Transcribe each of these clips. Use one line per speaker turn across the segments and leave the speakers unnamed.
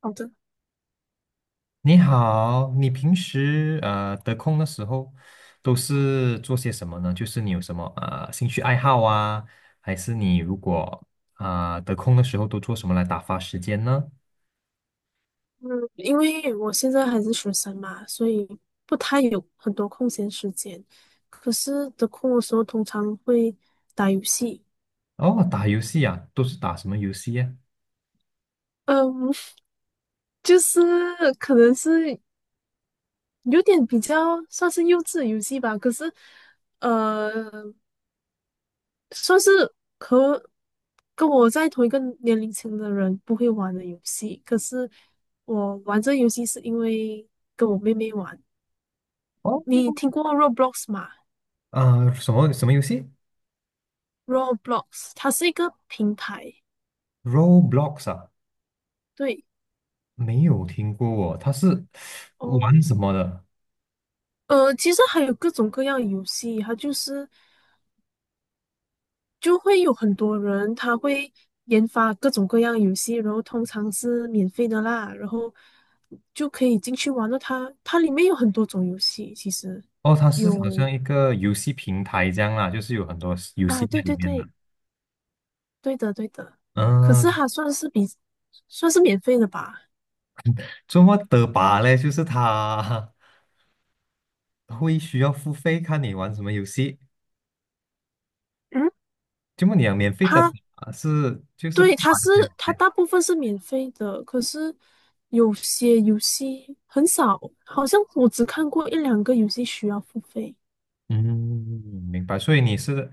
好的，
你好，你平时呃得空的时候都是做些什么呢？就是你有什么呃兴趣爱好啊，还是你如果啊、得空的时候都做什么来打发时间呢？
嗯，因为我现在还是学生嘛，所以不太有很多空闲时间。可是得空的时候，通常会打游戏。
哦，打游戏啊，都是打什么游戏呀、
嗯，就是可能是有点比较算是幼稚的游戏吧。可是，呃，算是和跟我在同一个年龄层的人不会玩的游戏。可是我玩这游戏是因为跟我妹妹玩。
哦，
你听过 Roblox 吗
啊，什么什么游戏
？Roblox 它是一个平台，
？Roblox 啊，
对
没有听过哦，它是
哦，
玩什么的？
其实还有各种各样的游戏，它就会有很多人他会研发各种各样的游戏，然后通常是免费的啦，然后就可以进去玩了它。它里面有很多种游戏，其实。
哦，它是好
有
像一个游戏平台这样啦，就是有很多游戏
啊，
在
对
里
对
面的。
对，对的对的。可是
嗯、
它算是免费的吧？
这么的吧嘞，就是他 会需要付费看你玩什么游戏。
嗯，
这么你讲免费的吧
它
是就是不
对，
完全免
它
费，
大部分是免费的，可是有些游戏很少，好像我只看过1、2个游戏需要付费。
嗯，明白。所以你是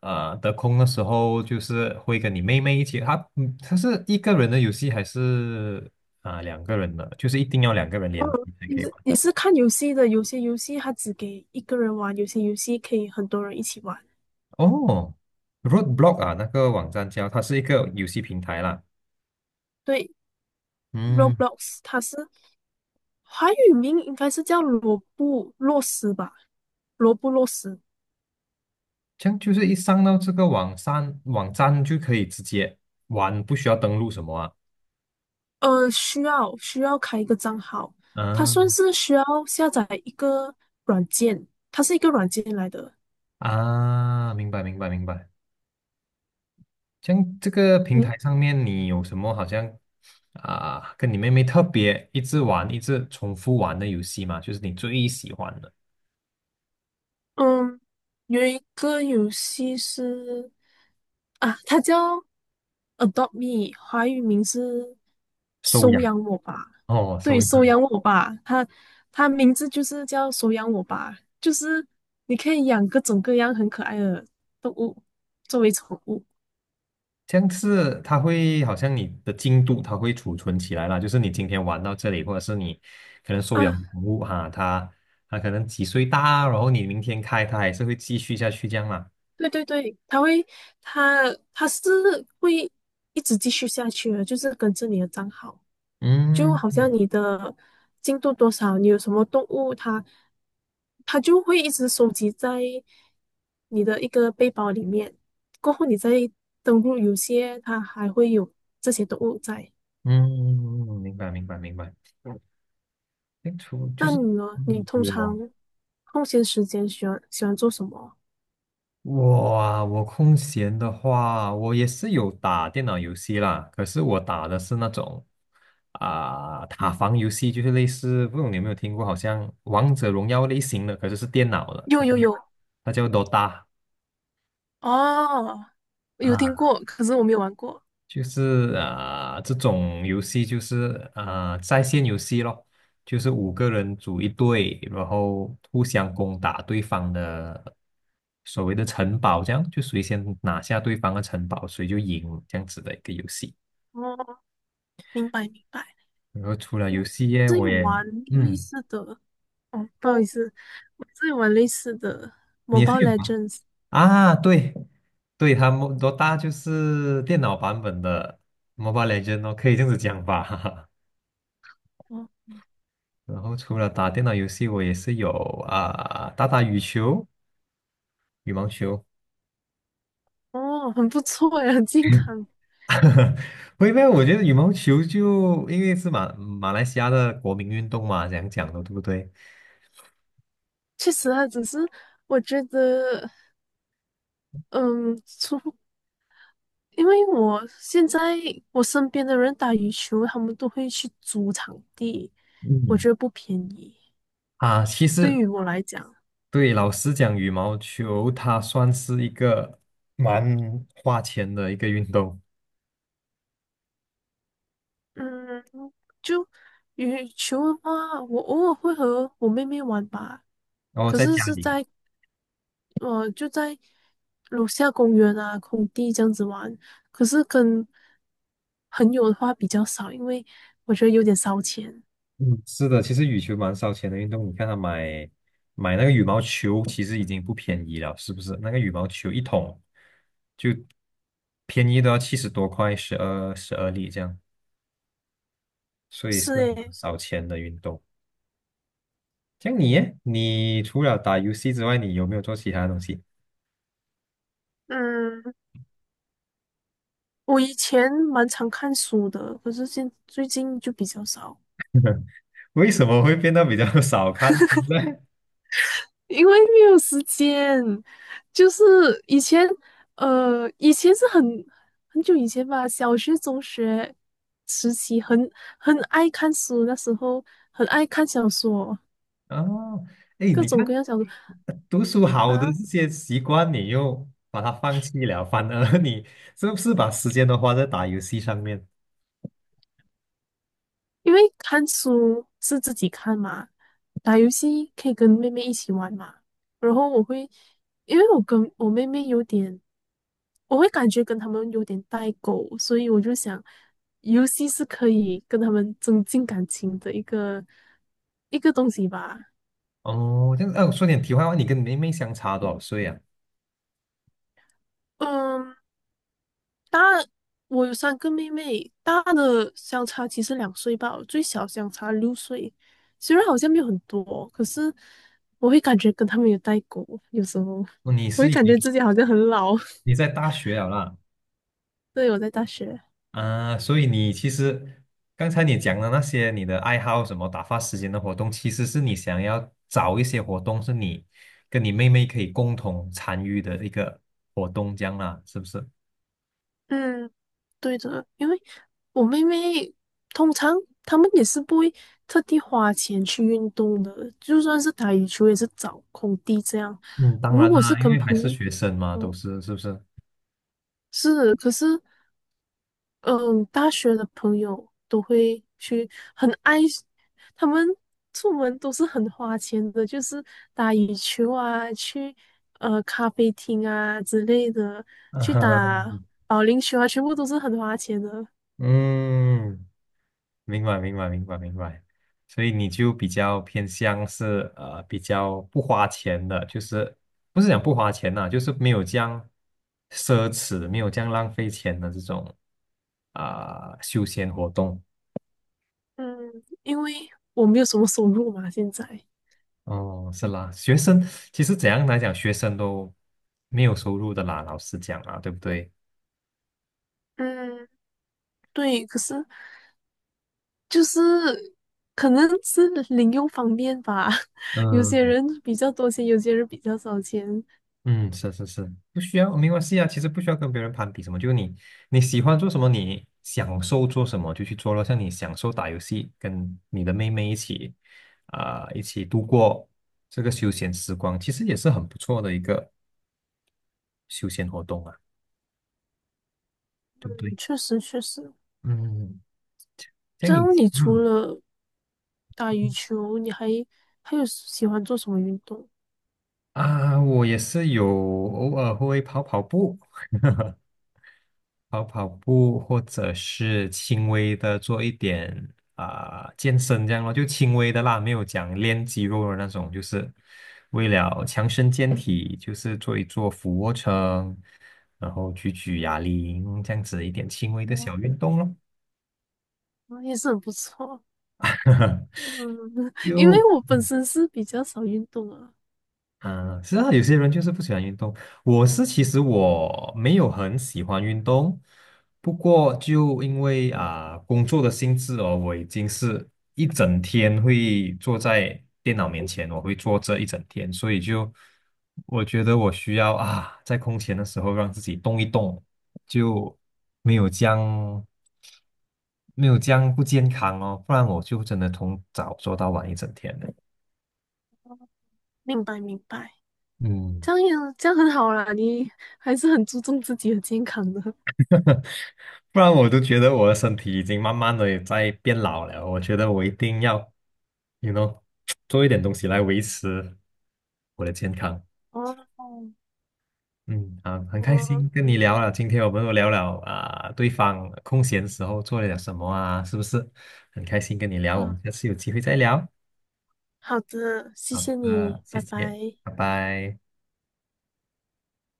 呃得空的时候，就是会跟你妹妹一起。他嗯，他是一个人的游戏还是啊、两个人的？就是一定要两个人
嗯，
联机才
也
可以玩。
是也是看游戏的，有些游戏它只给一个人玩，有些游戏可以很多人一起玩。
哦，Roadblock 啊，那个网站叫它是一个游戏平台啦。
对
嗯。
，Roblox 华语名应该是叫罗布洛斯吧？罗布洛斯。
这样就是一上到这个网站，网站就可以直接玩，不需要登录什么啊？
需要开一个账号，它算
嗯
是需要下载一个软件，它是一个软件来的。
啊，明白明白明白。这样这个平
嗯
台上面你有什么好像啊，跟你妹妹特别一直玩、一直重复玩的游戏吗？就是你最喜欢的
嗯，有一个游戏是啊，它叫 Adopt Me，华语名是
收
收
养
养我吧？
哦，收
对，收
养
养我吧，它名字就是叫收养我吧，就是你可以养各种各样很可爱的动物作为宠物。
这样是它会好像你的进度它会储存起来啦，就是你今天玩到这里，或者是你可能收养
啊。
宠物哈，它它可能几岁大，然后你明天开它还是会继续下去这样啦。
对对对，他会，他是会一直继续下去的，就是跟着你的账号，就
嗯
好像
嗯，
你的进度多少，你有什么动物，它就会一直收集在你的一个背包里面。过后你再登录游戏，它还会有这些动物在。
嗯嗯明白明白明白。清除就
那
是
你呢？你
嗯
通
我
常空闲时间喜欢做什么？
我啊，我空闲的话，我也是有打电脑游戏啦。可是我打的是那种啊、塔防游戏，就是类似，不知道你有没有听过，好像王者荣耀类型的，可是是电脑的，它
有
就
有有，
它叫 Dota
哦，有听
啊。
过，可是我没有玩过。
就是啊、呃这种游戏就是啊、呃在线游戏咯，就是五个人组一队，然后互相攻打对方的所谓的城堡，这样就谁先拿下对方的城堡，谁就赢这样子的一个游戏。
哦，明白明白，
然后除了游
我
戏业，
自己
我也
玩类
嗯，
似的，哦，不好意思，我自己玩类似的
你也是
《Mobile
有吗？
Legends》，
啊，对对，他们多大就是电脑版本的 Mobile Legend 哦，可以这样子讲吧。
哦
然后除了打电脑游戏，我也是有啊、打打羽球、羽毛球。
哦，很不错哎，很健康，
不因为我觉得羽毛球就因为是马马来西亚的国民运动嘛，这样讲的，对不对？
确实啊，只是我觉得，嗯，除因为我现在我身边的人打羽球，他们都会去租场地，我
嗯，
觉得不便宜，
啊，其
对
实
于我来讲。
对老师讲，羽毛球它算是一个蛮花钱的一个运动。
嗯，就羽球的话，我偶尔会和我妹妹玩吧，
然后
可
在
是
家
是
里，
在呃就在楼下公园啊空地这样子玩，可是跟朋友的话比较少，因为我觉得有点烧钱。
嗯，是的，其实羽球蛮烧钱的运动。你看他买买那个羽毛球，其实已经不便宜了，是不是？那个羽毛球一桶就便宜都要七十多块，十二十二粒这样，所以是
是
很
诶，
烧钱的运动。像你耶你除了打游戏之外，你有没有做其他东西？
嗯，我以前蛮常看书的，可是现最近就比较少。
为什么会变得比较 少看书呢？
因为没有时间，就是以前，以前是很很久以前吧，小学、中学时期很爱看书，那时候很爱看小说，
哦，哎，
各
你
种各
看
样小说
读书好的这
啊。
些习惯，你又把它放弃了，反而你是不是把时间都花在打游戏上面？
因为看书是自己看嘛，打游戏可以跟妹妹一起玩嘛。然后我会，因为我跟我妹妹有点，我会感觉跟他们有点代沟，所以我就想，游戏是可以跟他们增进感情的一个东西吧。
哦，这样子，哎、我说点题外话，你跟你妹妹相差多少岁啊？
嗯，大，我有3个妹妹，大的相差其实2岁吧，最小相差6岁。虽然好像没有很多，可是我会感觉跟他们有代沟，有时候
哦你
我会
是已
感
经
觉自己好像很老。
你在大学了啦，
对，我在大学，
啊，所以你其实刚才你讲的那些你的爱好什么打发时间的活动，其实是你想要找一些活动是你跟你妹妹可以共同参与的一个活动，这样啦，是不是？
嗯，对的，因为我妹妹通常她们也是不会特地花钱去运动的，就算是打羽球也是找空地这样。
嗯，当
如
然
果是
啦，因
跟
为还
朋
是
友，
学生嘛，都
嗯，
是是不是？
是，可是。嗯，大学的朋友都会去很爱，他们出门都是很花钱的，就是打羽球啊，去咖啡厅啊之类的，去打
嗯，
保龄球啊，全部都是很花钱的。
嗯明白，明白，明白，明白。所以你就比较偏向是呃比较不花钱的，就是不是讲不花钱呐、就是没有这样奢侈，没有这样浪费钱的这种啊、休闲活动。
嗯，因为我没有什么收入嘛，现在。
哦，是啦，学生其实怎样来讲，学生都没有收入的啦，老师讲啊，对不对？
嗯，对，可是就是可能是零用方面吧，有些
嗯。
人比较多钱，有些人比较少钱。
嗯，是是是，不需要，没关系啊。其实不需要跟别人攀比什么，就你你喜欢做什么，你享受做什么就去做咯。像你享受打游戏，跟你的妹妹一起啊、一起度过这个休闲时光，其实也是很不错的一个休闲活动啊，对不对？
嗯确实，确实。
嗯，嗯嗯
这
像你，
样你除
嗯
了打羽
嗯
球，你还有喜欢做什么运动？
啊，我也是有偶尔会跑跑步，跑跑步，或者是轻微的做一点啊、健身这样咯，就轻微的啦，没有讲练肌肉的那种，就是为了强身健体，就是做一做俯卧撑，然后举举哑铃这样子一点轻微的小运动咯。
哦，也是很不错，嗯，因为
就
我本身是比较少运动啊，
嗯，是啊，有些人就是不喜欢运动。我是其实我没有很喜欢运动，不过就因为啊、工作的性质哦，我已经是一整天会坐在电脑面前，我会坐这一整天，所以就我觉得我需要啊在空闲的时候让自己动一动，就没有将没有将不健康哦，不然我就真的从早做到晚一整天的。
明白明白，
嗯
这样很好啦，你还是很注重自己的健康的。
不然我都觉得我的身体已经慢慢的也在变老了。我觉得我一定要，you know，做一点东西来维持我的健康。
哦，哦
嗯，啊，很开
哦，
心 跟你
嗯，
聊了。今天我们又聊了啊、对方空闲时候做了点什么啊，是不是？很开心跟你聊，我们下
啊
次有机会再聊。
好的，谢
好
谢
的，
你，
谢
拜
谢，
拜。
拜拜。